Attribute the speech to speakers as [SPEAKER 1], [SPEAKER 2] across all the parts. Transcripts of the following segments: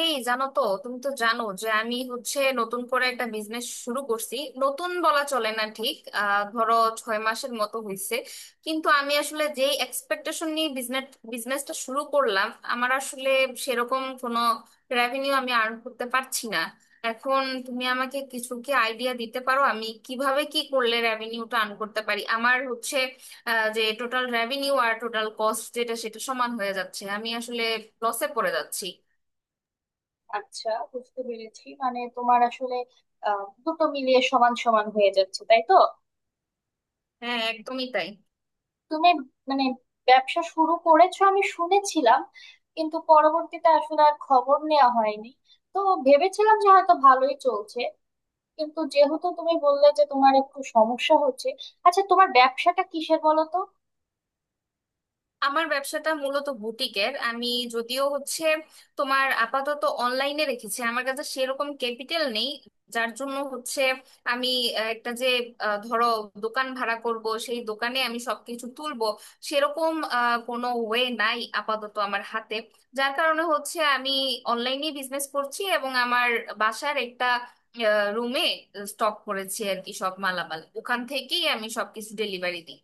[SPEAKER 1] এই, জানো তো? তুমি তো জানো যে আমি হচ্ছে নতুন করে একটা বিজনেস শুরু করছি। নতুন বলা চলে না ঠিক, ধরো, 6 মাসের মতো হয়েছে। কিন্তু আমি আসলে যে এক্সপেকটেশন নিয়ে বিজনেসটা শুরু করলাম, আমার আসলে সেরকম কোনো রেভিনিউ আমি আর্ন করতে পারছি না। এখন তুমি আমাকে কিছু কি আইডিয়া দিতে পারো, আমি কিভাবে কি করলে রেভিনিউটা আর্ন করতে পারি? আমার হচ্ছে যে টোটাল রেভিনিউ আর টোটাল কস্ট, যেটা সেটা সমান হয়ে যাচ্ছে, আমি আসলে লসে পড়ে যাচ্ছি।
[SPEAKER 2] আচ্ছা, বুঝতে পেরেছি। মানে তোমার আসলে দুটো মিলিয়ে সমান সমান হয়ে যাচ্ছে, তাই তো?
[SPEAKER 1] হ্যাঁ, হ্যাঁ, একদমই তাই।
[SPEAKER 2] তুমি মানে ব্যবসা শুরু করেছো আমি শুনেছিলাম, কিন্তু পরবর্তীতে আসলে আর খবর নেওয়া হয়নি। তো ভেবেছিলাম যে হয়তো ভালোই চলছে, কিন্তু যেহেতু তুমি বললে যে তোমার একটু সমস্যা হচ্ছে। আচ্ছা, তোমার ব্যবসাটা কিসের বলো তো?
[SPEAKER 1] আমার ব্যবসাটা মূলত বুটিকের। আমি যদিও হচ্ছে তোমার আপাতত অনলাইনে রেখেছি, আমার কাছে সেরকম ক্যাপিটাল নেই। যার জন্য হচ্ছে আমি আহ, একটা যে আহ, ধরো, দোকান ভাড়া করব, সেই দোকানে আমি সবকিছু তুলবো, সেরকম কোনো ওয়ে নাই আপাতত আমার হাতে। যার কারণে হচ্ছে আমি অনলাইনে বিজনেস করছি, এবং আমার বাসার একটা রুমে স্টক করেছি আর কি, সব মালামাল ওখান থেকেই আমি সবকিছু ডেলিভারি দিই।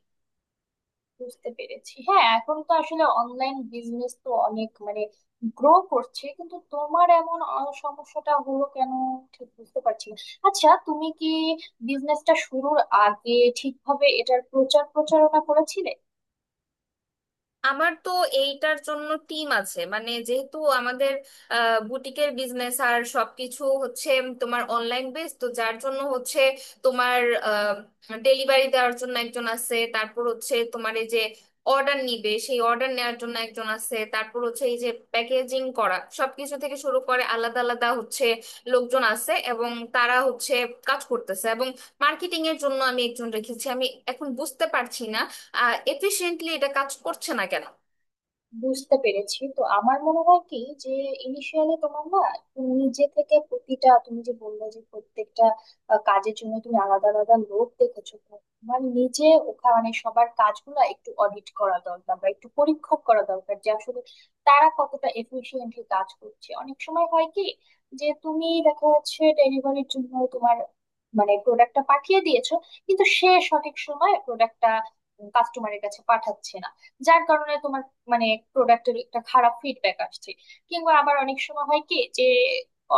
[SPEAKER 2] বুঝতে পেরেছি। হ্যাঁ, এখন তো আসলে অনলাইন বিজনেস তো অনেক মানে গ্রো করছে, কিন্তু তোমার এমন সমস্যাটা হলো কেন ঠিক বুঝতে পারছি না। আচ্ছা, তুমি কি বিজনেসটা শুরুর আগে ঠিকভাবে এটার প্রচার প্রচারণা করেছিলে?
[SPEAKER 1] আমার তো এইটার জন্য টিম আছে, মানে যেহেতু আমাদের বুটিকের বিজনেস আর সবকিছু হচ্ছে তোমার অনলাইন বেস তো, যার জন্য হচ্ছে তোমার ডেলিভারি দেওয়ার জন্য একজন আছে, তারপর হচ্ছে তোমার এই যে অর্ডার নিবে, সেই অর্ডার নেওয়ার জন্য একজন আছে, তারপর হচ্ছে এই যে প্যাকেজিং করা সবকিছু থেকে শুরু করে আলাদা আলাদা হচ্ছে লোকজন আছে, এবং তারা হচ্ছে কাজ করতেছে, এবং মার্কেটিং এর জন্য আমি একজন রেখেছি। আমি এখন বুঝতে পারছি না এফিশিয়েন্টলি এটা কাজ করছে না কেন।
[SPEAKER 2] বুঝতে পেরেছি। তো আমার মনে হয় কি, যে ইনিশিয়ালি তোমার না একটু নিজে থেকে প্রতিটা, তুমি যে বললে যে প্রত্যেকটা কাজের জন্য তুমি আলাদা আলাদা লোক দেখেছো, তো তোমার নিজে ওখানে সবার কাজগুলো একটু অডিট করা দরকার, বা একটু পরীক্ষা করা দরকার যে আসলে তারা কতটা এফিশিয়েন্টলি কাজ করছে। অনেক সময় হয় কি যে তুমি দেখা যাচ্ছে ডেলিভারির জন্য তোমার মানে প্রোডাক্টটা পাঠিয়ে দিয়েছো, কিন্তু সে সঠিক সময় প্রোডাক্টটা কাস্টমারের কাছে পাঠাচ্ছে না, যার কারণে তোমার মানে প্রোডাক্টের একটা খারাপ ফিডব্যাক আসছে। কিংবা আবার অনেক সময় হয় কি যে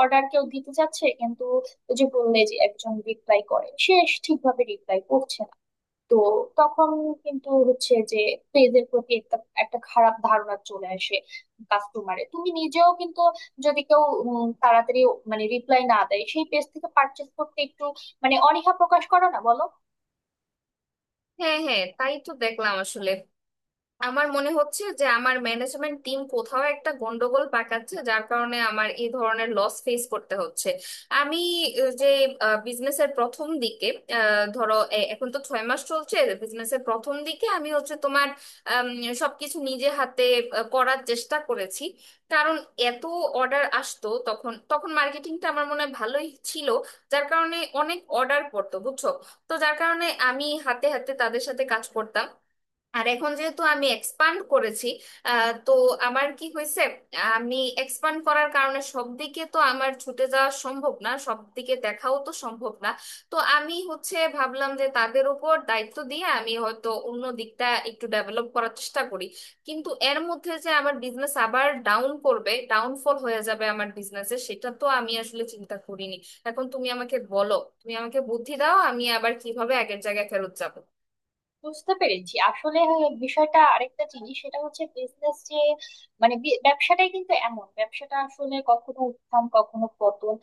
[SPEAKER 2] অর্ডার কেউ দিতে চাচ্ছে, কিন্তু ওই যে বললে যে একজন রিপ্লাই করে, সে ঠিকভাবে রিপ্লাই করছে না। তো তখন কিন্তু হচ্ছে যে পেজের প্রতি একটা একটা খারাপ ধারণা চলে আসে কাস্টমারে। তুমি নিজেও কিন্তু যদি কেউ তাড়াতাড়ি মানে রিপ্লাই না দেয়, সেই পেজ থেকে পারচেস করতে একটু মানে অনীহা প্রকাশ করো না, বলো?
[SPEAKER 1] হ্যাঁ, হ্যাঁ, তাই তো দেখলাম আসলে। আমার মনে হচ্ছে যে আমার ম্যানেজমেন্ট টিম কোথাও একটা গন্ডগোল পাকাচ্ছে, যার কারণে আমার এই ধরনের লস ফেস করতে হচ্ছে। আমি আহ, যে বিজনেসের প্রথম দিকে, এখন তো 6 মাস চলছে, বিজনেসের প্রথম দিকে আমি হচ্ছে তোমার আম, সবকিছু নিজে হাতে করার চেষ্টা করেছি। কারণ এত অর্ডার আসতো, তখন তখন মার্কেটিংটা আমার মনে হয় ভালোই ছিল, যার কারণে অনেক অর্ডার পড়তো, বুঝছো? তো যার কারণে আমি হাতে হাতে তাদের সাথে কাজ করতাম। আর এখন যেহেতু আমি এক্সপান্ড করেছি, তো আমার কি হয়েছে, আমি এক্সপান্ড করার কারণে সব দিকে তো আমার ছুটে যাওয়া সম্ভব না, সব দিকে দেখাও তো সম্ভব না। তো আমি হচ্ছে ভাবলাম যে তাদের উপর দায়িত্ব দিয়ে আমি হয়তো অন্য দিকটা একটু ডেভেলপ করার চেষ্টা করি। কিন্তু এর মধ্যে যে আমার বিজনেস আবার ডাউনফল হয়ে যাবে আমার বিজনেসে, সেটা তো আমি আসলে চিন্তা করিনি। এখন তুমি আমাকে বলো, তুমি আমাকে বুদ্ধি দাও, আমি আবার কিভাবে আগের জায়গায় ফেরত যাব।
[SPEAKER 2] বুঝতে পেরেছি। আসলে বিষয়টা আরেকটা জিনিস, সেটা হচ্ছে বিজনেস যে মানে ব্যবসাটাই কিন্তু এমন, ব্যবসাটা আসলে কখনো উত্থান কখনো পতন।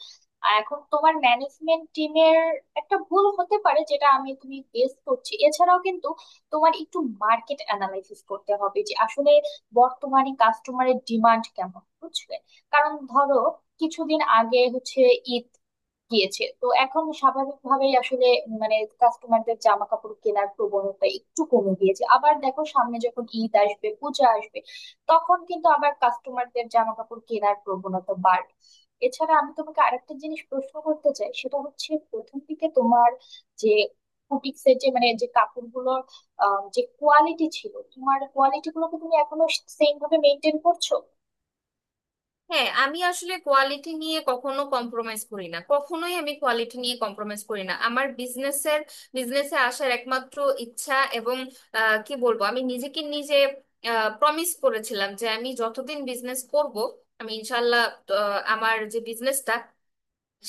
[SPEAKER 2] আর এখন তোমার ম্যানেজমেন্ট টিমের একটা ভুল হতে পারে, যেটা আমি তুমি গেস করছি। এছাড়াও কিন্তু তোমার একটু মার্কেট অ্যানালাইসিস করতে হবে যে আসলে বর্তমানে কাস্টমারের ডিমান্ড কেমন, বুঝলে। কারণ ধরো কিছুদিন আগে হচ্ছে ঈদ গিয়েছে, তো এখন স্বাভাবিকভাবেই আসলে মানে কাস্টমারদের জামা কাপড় কেনার প্রবণতা একটু কমে গিয়েছে। আবার দেখো সামনে যখন ঈদ আসবে, পূজা আসবে, তখন কিন্তু আবার কাস্টমারদের জামা কাপড় কেনার প্রবণতা বাড়বে। এছাড়া আমি তোমাকে আরেকটা জিনিস প্রশ্ন করতে চাই, সেটা হচ্ছে প্রথম দিকে তোমার যে বুটিক্সের যে মানে যে কাপড়গুলোর যে কোয়ালিটি ছিল, তোমার কোয়ালিটি গুলোকে তুমি এখনো সেম ভাবে মেনটেন করছো?
[SPEAKER 1] হ্যাঁ, আমি আসলে কোয়ালিটি নিয়ে কখনো কম্প্রোমাইজ করি না, কখনোই আমি কোয়ালিটি নিয়ে কম্প্রোমাইজ করি না। আমার বিজনেসে আসার একমাত্র ইচ্ছা এবং কি বলবো, আমি নিজেকে নিজে প্রমিস করেছিলাম যে আমি যতদিন বিজনেস করব, আমি ইনশাল্লাহ আমার যে বিজনেসটা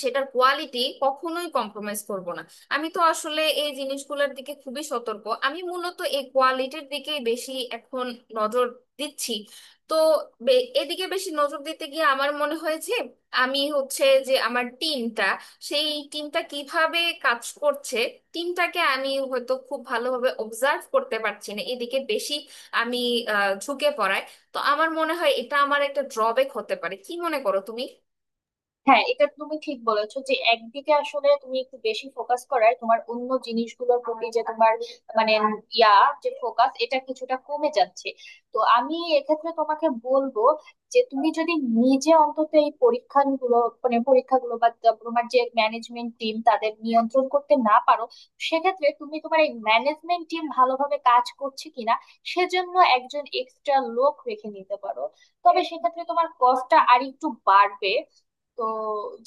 [SPEAKER 1] সেটার কোয়ালিটি কখনোই কম্প্রোমাইজ করব না। আমি তো আসলে এই জিনিসগুলোর দিকে খুবই সতর্ক, আমি মূলত এই কোয়ালিটির দিকেই বেশি এখন নজর দিচ্ছি। তো এদিকে বেশি নজর দিতে গিয়ে আমার মনে হয়েছে আমি হচ্ছে যে আমার টিমটা কিভাবে কাজ করছে, টিমটাকে আমি হয়তো খুব ভালোভাবে অবজার্ভ করতে পারছি না, এদিকে বেশি আমি ঝুঁকে পড়ায়। তো আমার মনে হয় এটা আমার একটা ড্রব্যাক হতে পারে, কি মনে করো তুমি?
[SPEAKER 2] হ্যাঁ, এটা তুমি ঠিক বলেছো যে একদিকে আসলে তুমি একটু বেশি ফোকাস করায় তোমার অন্য জিনিসগুলোর প্রতি যে তোমার মানে ইয়া যে ফোকাস, এটা কিছুটা কমে যাচ্ছে। তো আমি এক্ষেত্রে তোমাকে বলবো যে তুমি যদি নিজে অন্তত এই পরীক্ষাগুলো মানে পরীক্ষাগুলো বা তোমার যে ম্যানেজমেন্ট টিম তাদের নিয়ন্ত্রণ করতে না পারো, সেক্ষেত্রে তুমি তোমার এই ম্যানেজমেন্ট টিম ভালোভাবে কাজ করছে কিনা সেজন্য একজন এক্সট্রা লোক রেখে নিতে পারো। তবে সেক্ষেত্রে তোমার কস্টটা আর একটু বাড়বে। তো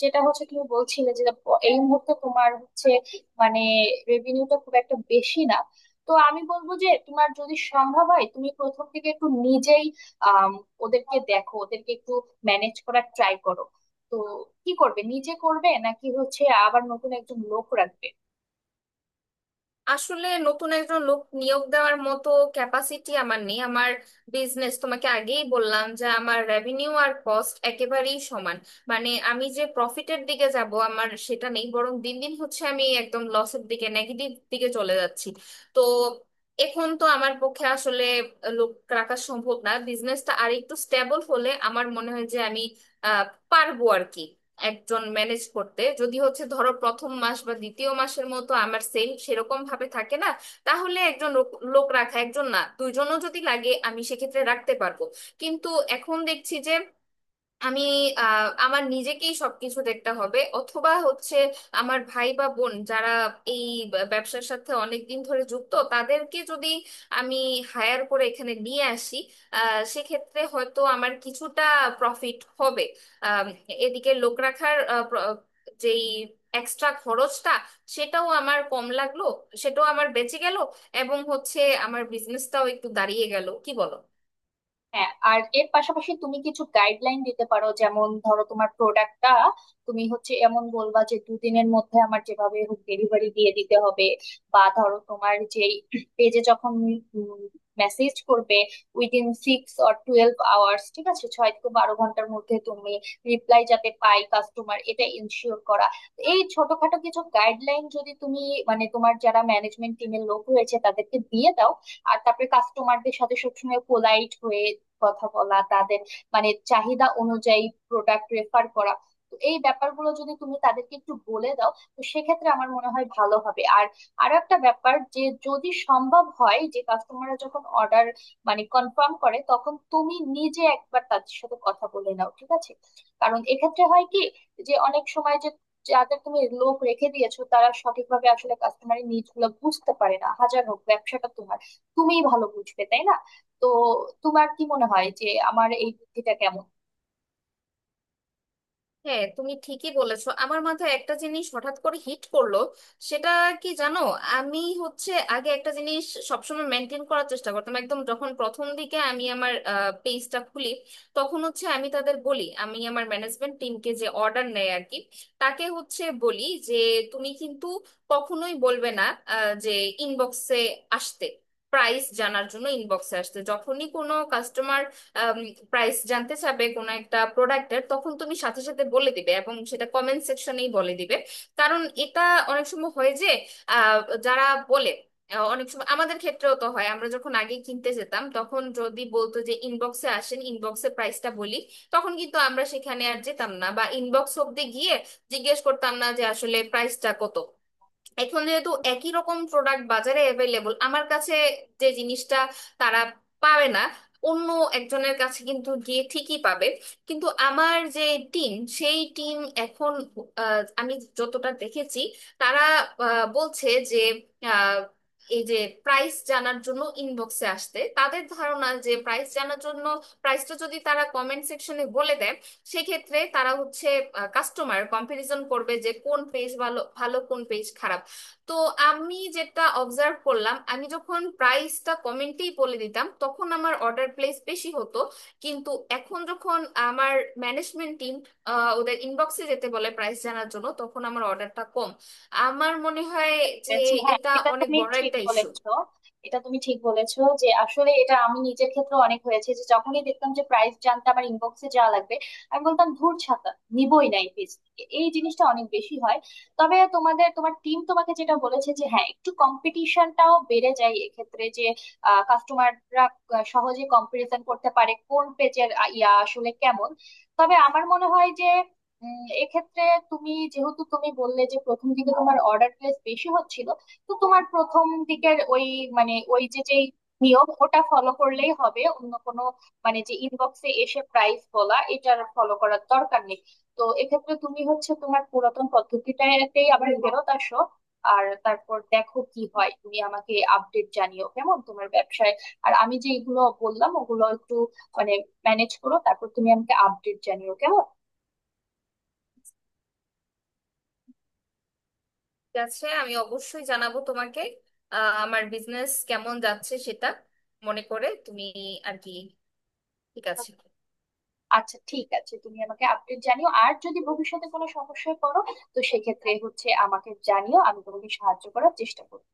[SPEAKER 2] যেটা হচ্ছে তুমি বলছিলে যে এই মুহূর্তে তোমার হচ্ছে মানে রেভিনিউটা খুব একটা বেশি না। তো আমি বলবো যে তোমার যদি সম্ভব হয় তুমি প্রথম থেকে একটু নিজেই আম, ওদেরকে দেখো, ওদেরকে একটু ম্যানেজ করার ট্রাই করো। তো কি করবে, নিজে করবে নাকি হচ্ছে আবার নতুন একজন লোক রাখবে?
[SPEAKER 1] আসলে নতুন একজন লোক নিয়োগ দেওয়ার মতো ক্যাপাসিটি আমার নেই। আমার বিজনেস, তোমাকে আগেই বললাম যে আমার রেভিনিউ আর কস্ট একেবারেই সমান, মানে আমি যে প্রফিটের দিকে যাব আমার সেটা নেই, বরং দিন দিন হচ্ছে আমি একদম লসের দিকে, নেগেটিভ দিকে চলে যাচ্ছি। তো এখন তো আমার পক্ষে আসলে লোক রাখা সম্ভব না, বিজনেসটা আর একটু স্টেবল হলে আমার মনে হয় যে আমি আহ পারবো আর কি, একজন ম্যানেজ করতে। যদি হচ্ছে ধরো প্রথম মাস বা দ্বিতীয় মাসের মতো আমার সেল সেরকম ভাবে থাকে না, তাহলে একজন লোক লোক রাখা, একজন না দুইজনও যদি লাগে আমি সেক্ষেত্রে রাখতে পারবো। কিন্তু এখন দেখছি যে আমি আমার নিজেকেই সবকিছু দেখতে হবে, অথবা হচ্ছে আমার ভাই বা বোন যারা এই ব্যবসার সাথে অনেক দিন ধরে যুক্ত, তাদেরকে যদি আমি হায়ার করে এখানে নিয়ে আসি, সেক্ষেত্রে হয়তো আমার কিছুটা প্রফিট হবে। আম, এদিকে লোক রাখার যেই এক্সট্রা খরচটা, সেটাও আমার কম লাগলো, সেটাও আমার বেঁচে গেল, এবং হচ্ছে আমার বিজনেসটাও একটু দাঁড়িয়ে গেল, কি বলো?
[SPEAKER 2] হ্যাঁ, আর এর পাশাপাশি তুমি কিছু গাইডলাইন দিতে পারো, যেমন ধরো তোমার প্রোডাক্টটা তুমি হচ্ছে এমন বলবা যে দুদিনের মধ্যে আমার যেভাবে হোক ডেলিভারি দিয়ে দিতে হবে। বা ধরো তোমার যেই পেজে যখন মেসেজ করবে within six or twelve hours, ঠিক আছে, ছয় থেকে বারো ঘন্টার মধ্যে তুমি রিপ্লাই যাতে পাই কাস্টমার, এটা ইনশিওর করা। তো এই ছোটখাটো কিছু গাইডলাইন যদি তুমি মানে তোমার যারা ম্যানেজমেন্ট টিমের লোক রয়েছে তাদেরকে দিয়ে দাও, আর তারপরে কাস্টমারদের সাথে সবসময় পোলাইট হয়ে কথা বলা, তাদের মানে চাহিদা অনুযায়ী প্রোডাক্ট রেফার করা, তো এই ব্যাপারগুলো যদি তুমি তাদেরকে একটু বলে দাও, তো সেক্ষেত্রে আমার মনে হয় ভালো হবে। আর আরো একটা ব্যাপার, যে যদি সম্ভব হয় যে কাস্টমাররা যখন অর্ডার মানে কনফার্ম করে, তখন তুমি নিজে একবার তাদের সাথে কথা বলে নাও, ঠিক আছে? কারণ এক্ষেত্রে হয় কি যে অনেক সময় যে যাদের তুমি লোক রেখে দিয়েছো তারা সঠিকভাবে আসলে কাস্টমারের নিডস গুলো বুঝতে পারে না। হাজার হোক ব্যবসাটা তোমার, তুমিই ভালো বুঝবে, তাই না? তো তোমার কি মনে হয় যে আমার এই বুদ্ধিটা কেমন?
[SPEAKER 1] হ্যাঁ, তুমি ঠিকই বলেছো। আমার মাথায় একটা জিনিস হঠাৎ করে হিট করলো, সেটা কি জানো? আমি হচ্ছে আগে একটা জিনিস সবসময় মেনটেন করার চেষ্টা করতাম, একদম যখন প্রথম দিকে আমি আমার পেজটা খুলি, তখন হচ্ছে আমি তাদের বলি, আমি আমার ম্যানেজমেন্ট টিমকে, যে অর্ডার নেয় আর কি, তাকে হচ্ছে বলি যে, তুমি কিন্তু কখনোই বলবে না আহ, যে ইনবক্সে আসতে প্রাইস জানার জন্য ইনবক্সে আসতে। যখনই কোনো কাস্টমার প্রাইস জানতে চাবে কোনো একটা প্রোডাক্টের, তখন তুমি সাথে সাথে বলে দিবে, এবং সেটা কমেন্ট সেকশনেই বলে দিবে। কারণ এটা অনেক সময় হয় যে, আহ, যারা বলে আহ, অনেক সময় আমাদের ক্ষেত্রেও তো হয়, আমরা যখন আগে কিনতে যেতাম তখন যদি বলতো যে ইনবক্সে আসেন, ইনবক্সে প্রাইসটা বলি, তখন কিন্তু আমরা সেখানে আর যেতাম না, বা ইনবক্স অব্দি গিয়ে জিজ্ঞেস করতাম না যে আসলে প্রাইসটা কত। এখন যেহেতু একই রকম প্রোডাক্ট বাজারে অ্যাভেলেবল, আমার কাছে যে জিনিসটা তারা পাবে না, অন্য একজনের কাছে কিন্তু গিয়ে ঠিকই পাবে। কিন্তু আমার যে টিম টিম এখন, আমি যতটা দেখেছি, তারা বলছে যে আহ, এই যে প্রাইস জানার জন্য ইনবক্সে আসতে, তাদের ধারণা যে প্রাইস জানার জন্য, প্রাইসটা যদি তারা কমেন্ট সেকশনে বলে দেয়, সেক্ষেত্রে তারা হচ্ছে, কাস্টমার কম্পারিজন করবে যে কোন পেজ ভালো, কোন পেজ খারাপ। তো আমি যেটা অবজার্ভ করলাম, আমি যখন প্রাইসটা কমেন্টেই বলে দিতাম তখন আমার অর্ডার প্লেস বেশি হতো। কিন্তু এখন যখন আমার ম্যানেজমেন্ট টিম ওদের ইনবক্সে যেতে বলে প্রাইস জানার জন্য, তখন আমার অর্ডারটা কম। আমার মনে হয় যে
[SPEAKER 2] বলেছি। হ্যাঁ,
[SPEAKER 1] এটা
[SPEAKER 2] এটা
[SPEAKER 1] অনেক
[SPEAKER 2] তুমি
[SPEAKER 1] বড়
[SPEAKER 2] ঠিক
[SPEAKER 1] একটা ইস্যু।
[SPEAKER 2] বলেছো। এটা তুমি ঠিক বলেছো যে আসলে এটা আমি নিজের ক্ষেত্রে অনেক হয়েছে যে যখনই দেখতাম যে প্রাইস জানতে আমার ইনবক্সে যাওয়া লাগবে, আমি বলতাম ধুর ছাতা, নিবই না এই পেজ থেকে। এই জিনিসটা অনেক বেশি হয়। তবে তোমাদের তোমার টিম তোমাকে যেটা বলেছে যে হ্যাঁ একটু কম্পিটিশনটাও বেড়ে যায় এক্ষেত্রে, যে কাস্টমাররা সহজে কম্পারিজন করতে পারে কোন পেজের ইয়া আসলে কেমন। তবে আমার মনে হয় যে এক্ষেত্রে তুমি যেহেতু তুমি বললে যে প্রথম দিকে তোমার অর্ডার প্লেস বেশি হচ্ছিল, তো তোমার প্রথম দিকের ওই মানে ওই যে যেই নিয়ম ওটা ফলো করলেই হবে, অন্য কোনো মানে যে ইনবক্সে এসে প্রাইস বলা, এটার ফলো করার দরকার নেই। তো এক্ষেত্রে তুমি হচ্ছে তোমার পুরাতন পদ্ধতিটাতেই আবার ফেরত আসো। আর তারপর দেখো কি হয়, তুমি আমাকে আপডেট জানিও কেমন তোমার ব্যবসায়। আর আমি যে এগুলো বললাম ওগুলো একটু মানে ম্যানেজ করো, তারপর তুমি আমাকে আপডেট জানিও কেমন।
[SPEAKER 1] ঠিক আছে, আমি অবশ্যই জানাবো তোমাকে আমার বিজনেস কেমন যাচ্ছে সেটা। মনে করে তুমি আর কি। ঠিক আছে।
[SPEAKER 2] আচ্ছা, ঠিক আছে, তুমি আমাকে আপডেট জানিও। আর যদি ভবিষ্যতে কোনো সমস্যায় পড়ো, তো সেক্ষেত্রে হচ্ছে আমাকে জানিও, আমি তোমাকে সাহায্য করার চেষ্টা করবো।